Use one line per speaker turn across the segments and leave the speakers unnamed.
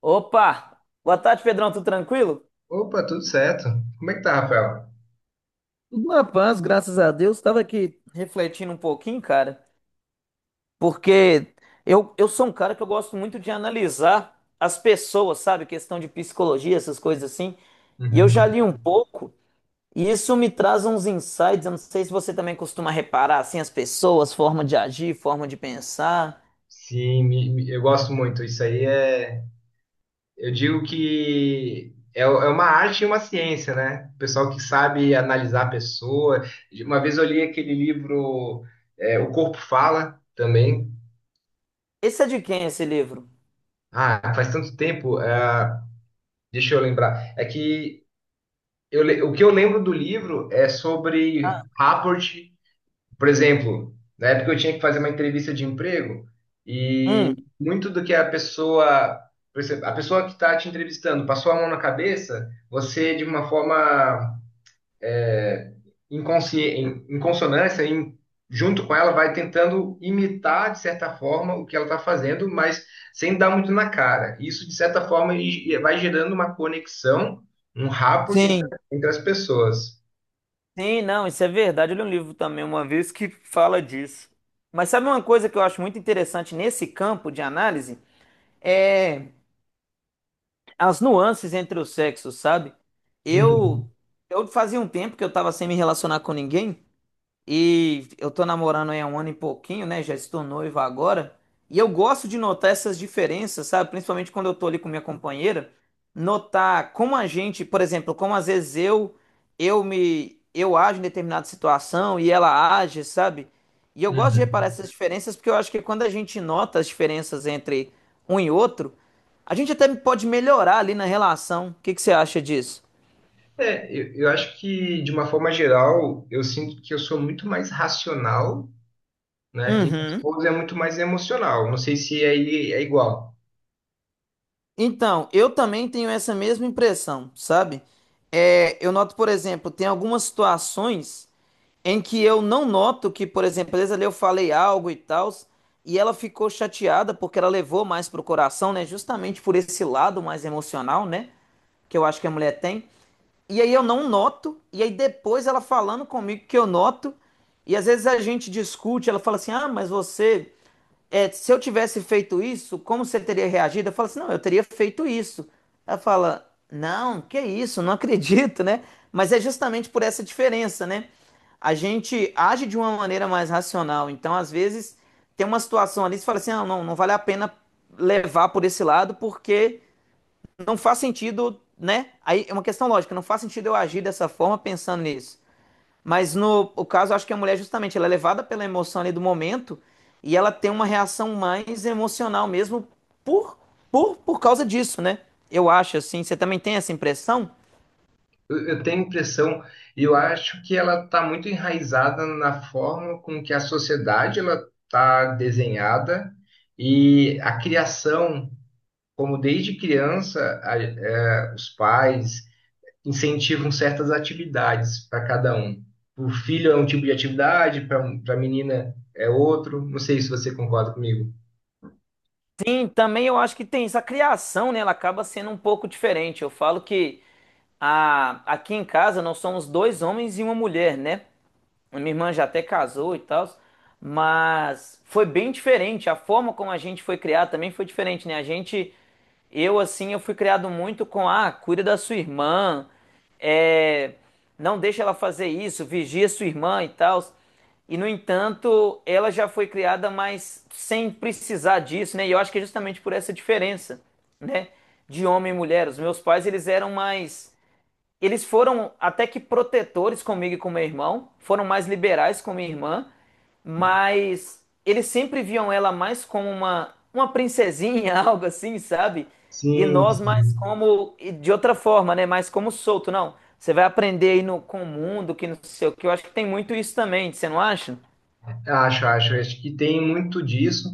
Opa! Boa tarde, Pedrão, tudo tranquilo?
Opa, tudo certo. Como é que tá, Rafael?
Tudo na paz, graças a Deus. Estava aqui refletindo um pouquinho, cara, porque eu sou um cara que eu gosto muito de analisar as pessoas, sabe? Questão de psicologia, essas coisas assim. E eu já
Uhum.
li um pouco, e isso me traz uns insights. Eu não sei se você também costuma reparar, assim, as pessoas, forma de agir, forma de pensar.
Sim, eu gosto muito. Isso aí é. Eu digo que é uma arte e uma ciência, né? O pessoal que sabe analisar a pessoa. Uma vez eu li aquele livro, O Corpo Fala, também.
Esse é de quem, esse livro?
Ah, faz tanto tempo. Deixa eu lembrar. É que o que eu lembro do livro é sobre
Ah,
rapport. Por exemplo, na época eu tinha que fazer uma entrevista de emprego e
hum,
muito do que a pessoa, por exemplo, a pessoa que está te entrevistando passou a mão na cabeça, você de uma forma inconsciente, em consonância, junto com ela, vai tentando imitar de certa forma o que ela está fazendo, mas sem dar muito na cara. Isso de certa forma e vai gerando uma conexão, um rapport entre,
sim.
entre as pessoas.
Sim, não, isso é verdade. Eu li um livro também uma vez que fala disso. Mas sabe uma coisa que eu acho muito interessante nesse campo de análise? É as nuances entre os sexos, sabe? Eu,
Uhum,
eu fazia um tempo que eu tava sem me relacionar com ninguém. E eu tô namorando aí há um ano e pouquinho, né? Já estou noivo agora. E eu gosto de notar essas diferenças, sabe? Principalmente quando eu tô ali com minha companheira, notar como a gente, por exemplo, como às vezes eu ajo em determinada situação e ela age, sabe? E eu gosto de reparar
uhum.
essas diferenças porque eu acho que quando a gente nota as diferenças entre um e outro, a gente até pode melhorar ali na relação. O que que você acha disso?
Eu acho que, de uma forma geral, eu sinto que eu sou muito mais racional, né? E minha
Uhum.
esposa é muito mais emocional. Não sei se aí é igual.
Então, eu também tenho essa mesma impressão, sabe? É, eu noto, por exemplo, tem algumas situações em que eu não noto que, por exemplo, às vezes ali eu falei algo e tal, e ela ficou chateada porque ela levou mais pro coração, né? Justamente por esse lado mais emocional, né? Que eu acho que a mulher tem. E aí eu não noto, e aí depois ela falando comigo que eu noto, e às vezes a gente discute, ela fala assim: ah, mas você é, se eu tivesse feito isso, como você teria reagido? Eu falo assim, não, eu teria feito isso. Ela fala, não, que isso, não acredito, né? Mas é justamente por essa diferença, né? A gente age de uma maneira mais racional. Então, às vezes, tem uma situação ali, você fala assim, ah, não, não vale a pena levar por esse lado, porque não faz sentido, né? Aí é uma questão lógica, não faz sentido eu agir dessa forma pensando nisso. Mas no o caso, acho que a mulher, justamente, ela é levada pela emoção ali do momento e ela tem uma reação mais emocional mesmo por, por causa disso, né? Eu acho, assim. Você também tem essa impressão?
Eu tenho a impressão, eu acho que ela está muito enraizada na forma com que a sociedade ela está desenhada e a criação, como desde criança, os pais incentivam certas atividades para cada um. Para o filho é um tipo de atividade, para a menina é outro. Não sei se você concorda comigo.
Sim, também eu acho que tem isso. A criação, né, ela acaba sendo um pouco diferente. Eu falo que a, aqui em casa nós somos dois homens e uma mulher, né? A minha irmã já até casou e tal, mas foi bem diferente. A forma como a gente foi criado também foi diferente, né? A gente, eu assim, eu fui criado muito com, ah, cuida da sua irmã, é, não deixa ela fazer isso, vigia sua irmã e tal. E, no entanto, ela já foi criada, mas sem precisar disso, né? E eu acho que é justamente por essa diferença, né? De homem e mulher. Os meus pais, eles eram mais. Eles foram até que protetores comigo e com meu irmão, foram mais liberais com minha irmã, mas eles sempre viam ela mais como uma princesinha, algo assim, sabe? E
Sim,
nós mais
sim.
como, e de outra forma, né? Mais como solto, não. Você vai aprender aí no, com o mundo, que não sei o que. Eu acho que tem muito isso também, você não acha?
Acho, acho. Acho que tem muito disso,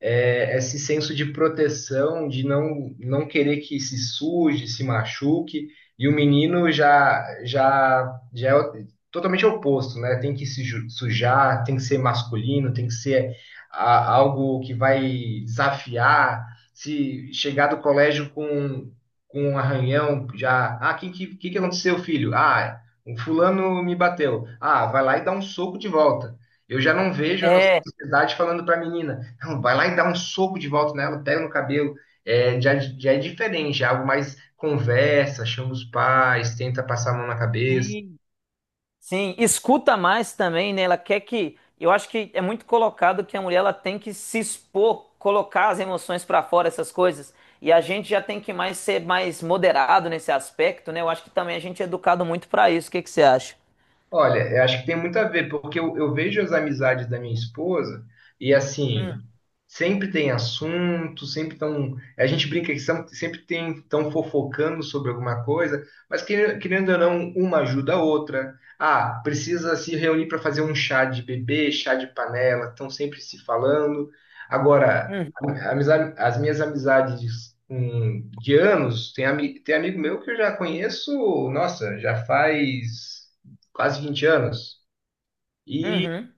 é, esse senso de proteção, de não querer que se suje, se machuque. E o menino já é totalmente oposto, né? Tem que se ju- sujar, tem que ser masculino, tem que ser algo que vai desafiar. Se chegar do colégio com um arranhão, já. Ah, o que aconteceu, filho? Ah, o fulano me bateu. Ah, vai lá e dá um soco de volta. Eu já não vejo a nossa
É,
sociedade falando para a menina, não, vai lá e dá um soco de volta nela, pega no cabelo. É, já é diferente, é algo mais conversa, chama os pais, tenta passar a mão na cabeça.
sim, sim. Escuta mais também, né? Ela quer que. Eu acho que é muito colocado que a mulher ela tem que se expor, colocar as emoções pra fora, essas coisas. E a gente já tem que mais ser mais moderado nesse aspecto, né? Eu acho que também a gente é educado muito pra isso. O que que você acha?
Olha, eu acho que tem muito a ver, porque eu vejo as amizades da minha esposa e assim, sempre tem assunto, sempre estão. A gente brinca que são- sempre tem estão fofocando sobre alguma coisa, mas querendo ou não, uma ajuda a outra. Ah, precisa se reunir para fazer um chá de bebê, chá de panela, estão sempre se falando. Agora,
Uhum,
as minhas amizades. De anos, tem amigo meu que eu já conheço, nossa, já faz quase 20 anos. E
uhum,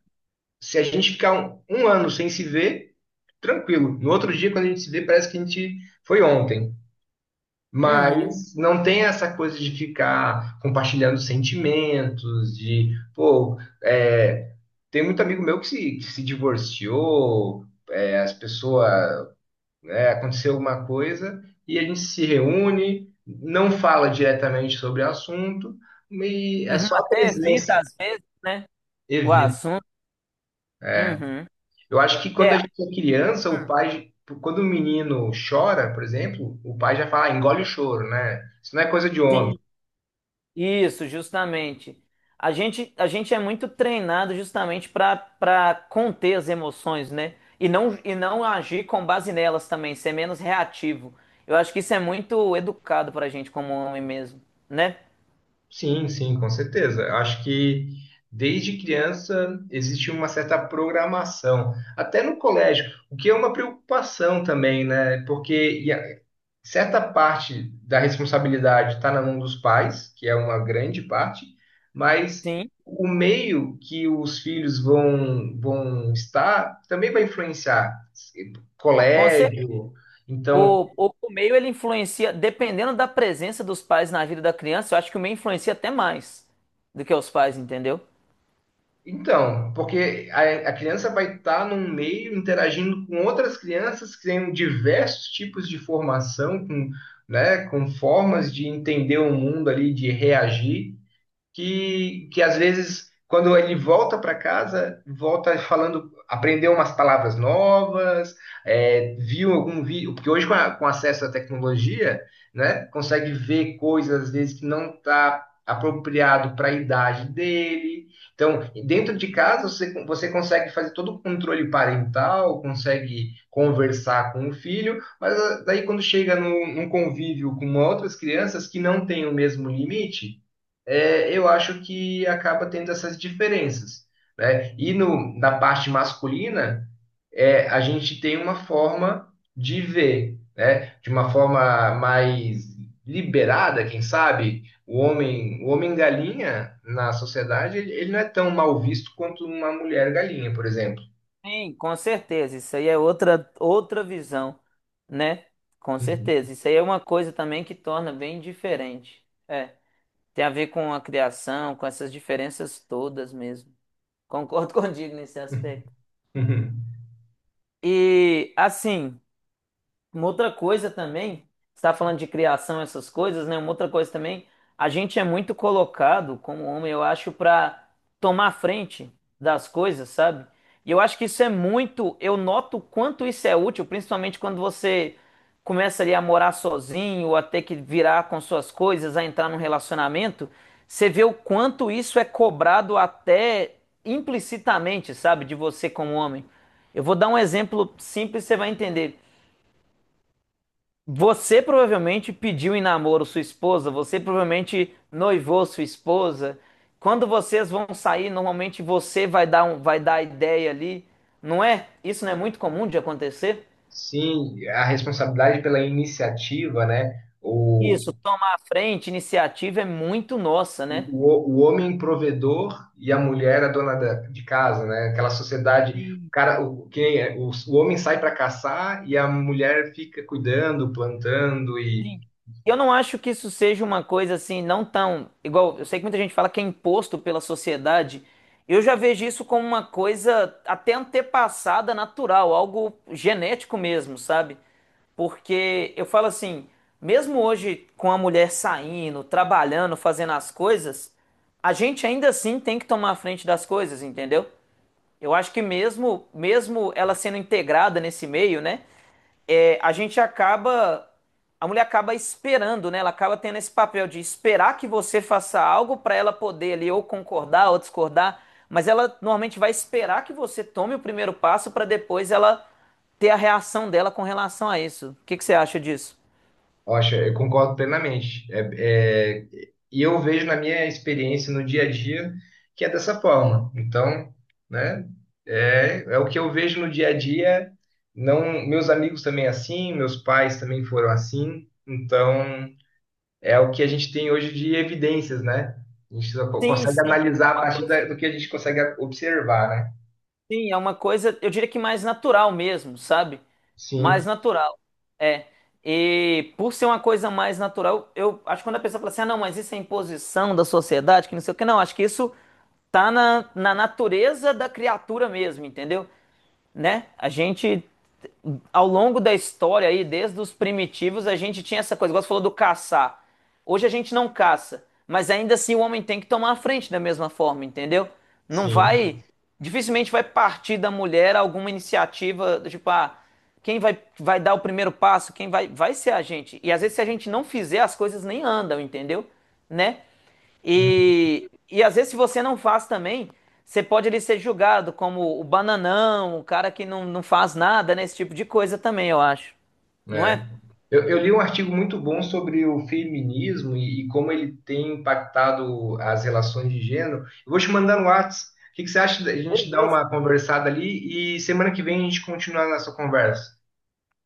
se a gente ficar um ano sem se ver, tranquilo. No outro dia, quando a gente se vê, parece que a gente foi ontem.
uhum.
Mas não tem essa coisa de ficar compartilhando sentimentos, de, pô, é, tem muito amigo meu que se divorciou, é, as pessoas, né, aconteceu alguma coisa e a gente se reúne, não fala diretamente sobre o assunto, e é
Uhum.
só a
Até
presença.
evita, às vezes, né? O
Evita.
assunto. Uhum.
Eu acho que quando a
É,
gente é criança, o
hum,
pai, quando o menino chora, por exemplo, o pai já fala, "Ah, engole o choro, né? Isso não é coisa de homem."
sim. Isso, justamente. A gente é muito treinado justamente para conter as emoções, né? E não agir com base nelas também, ser menos reativo. Eu acho que isso é muito educado para a gente como homem mesmo, né?
Sim, sim, com certeza. Eu acho que desde criança existe uma certa programação, até no colégio, o que é uma preocupação também, né? Porque e a- certa parte da responsabilidade está na mão dos pais, que é uma grande parte, mas
Sim.
o meio que os filhos vão estar também vai influenciar.
Bom,
Colégio, então,
o meio ele influencia, dependendo da presença dos pais na vida da criança, eu acho que o meio influencia até mais do que os pais, entendeu?
então, porque a criança vai estar num meio interagindo com outras crianças que têm diversos tipos de formação, com, né, com formas de entender o mundo ali, de reagir. Que às vezes, quando ele volta para casa, volta falando, aprendeu umas palavras novas, é, viu algum vídeo, porque hoje com acesso à tecnologia, né, consegue ver coisas, às vezes, que não está apropriado para a idade dele. Então, dentro de casa, você consegue fazer todo o controle parental, consegue conversar com o filho, mas ah, daí quando chega no, num convívio com outras crianças que não têm o mesmo limite, é, eu acho que acaba tendo essas diferenças, né? E no, na parte masculina, é, a gente tem uma forma de ver, né? De uma forma mais liberada, quem sabe? O homem galinha na sociedade, ele não é tão mal visto quanto uma mulher galinha, por exemplo.
Sim, com certeza. Isso aí é outra, outra visão, né? Com
Uhum.
certeza. Isso aí é uma coisa também que torna bem diferente. É, tem a ver com a criação, com essas diferenças todas mesmo. Concordo contigo nesse aspecto. E assim. Uma outra coisa também, você está falando de criação, essas coisas, né? Uma outra coisa também, a gente é muito colocado como homem, eu acho, para tomar frente das coisas, sabe? E eu acho que isso é muito, eu noto o quanto isso é útil, principalmente quando você começa ali a morar sozinho, a ter que virar com suas coisas, a entrar num relacionamento, você vê o quanto isso é cobrado até implicitamente, sabe, de você como homem. Eu vou dar um exemplo simples, você vai entender. Você provavelmente pediu em namoro sua esposa, você provavelmente noivou sua esposa. Quando vocês vão sair, normalmente você vai dar um, vai dar a ideia ali, não é? Isso não é muito comum de acontecer?
Sim, a responsabilidade pela iniciativa, né?
Isso, tomar a frente, iniciativa é muito nossa, né?
o, o homem provedor e a mulher a de casa, né? Aquela sociedade, o cara, o, que nem é, o homem sai para caçar e a mulher fica cuidando, plantando e,
Sim. E eu não acho que isso seja uma coisa assim, não tão igual. Eu sei que muita gente fala que é imposto pela sociedade. Eu já vejo isso como uma coisa até antepassada natural, algo genético mesmo, sabe? Porque eu falo assim, mesmo hoje com a mulher saindo, trabalhando, fazendo as coisas, a gente ainda assim tem que tomar a frente das coisas, entendeu? Eu acho que mesmo, mesmo ela sendo integrada nesse meio, né? É, a gente acaba, a mulher acaba esperando, né? Ela acaba tendo esse papel de esperar que você faça algo para ela poder ali ou concordar ou discordar, mas ela normalmente vai esperar que você tome o primeiro passo para depois ela ter a reação dela com relação a isso. O que que você acha disso?
poxa, eu concordo plenamente. E eu vejo na minha experiência no dia a dia que é dessa forma. Então, né? É, é o que eu vejo no dia a dia. Não, meus amigos também é assim, meus pais também foram assim. Então é o que a gente tem hoje de evidências, né? A gente só
Sim,
consegue
sim. É
analisar a
uma
partir
coisa.
do que a gente consegue observar, né?
Sim, é uma coisa, eu diria que mais natural mesmo, sabe? Mais
Sim,
natural. É. E por ser uma coisa mais natural, eu acho que quando a pessoa fala assim, ah, não, mas isso é imposição da sociedade, que não sei o que, não, acho que isso tá na, na natureza da criatura mesmo, entendeu? Né? A gente, ao longo da história aí, desde os primitivos, a gente tinha essa coisa, igual você falou do caçar. Hoje a gente não caça, mas ainda assim o homem tem que tomar a frente da mesma forma, entendeu? Não
sim.
vai, dificilmente vai partir da mulher alguma iniciativa, tipo, ah, quem vai, vai dar o primeiro passo, quem vai, vai ser a gente. E às vezes se a gente não fizer, as coisas nem andam, entendeu? Né?
Hum,
E às vezes se você não faz também, você pode ali ser julgado como o bananão, o cara que não, não faz nada, né? Esse tipo de coisa também, eu acho. Não
é.
é?
Eu li um artigo muito bom sobre o feminismo e como ele tem impactado as relações de gênero. Eu vou te mandar no Whats. O que você acha da gente dar
Beleza.
uma conversada ali e semana que vem a gente continua a nossa conversa?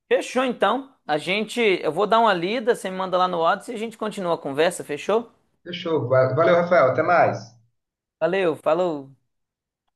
Fechou então. A gente, eu vou dar uma lida, você me manda lá no WhatsApp e a gente continua a conversa, fechou?
Fechou. Valeu, Rafael. Até mais.
Valeu, falou.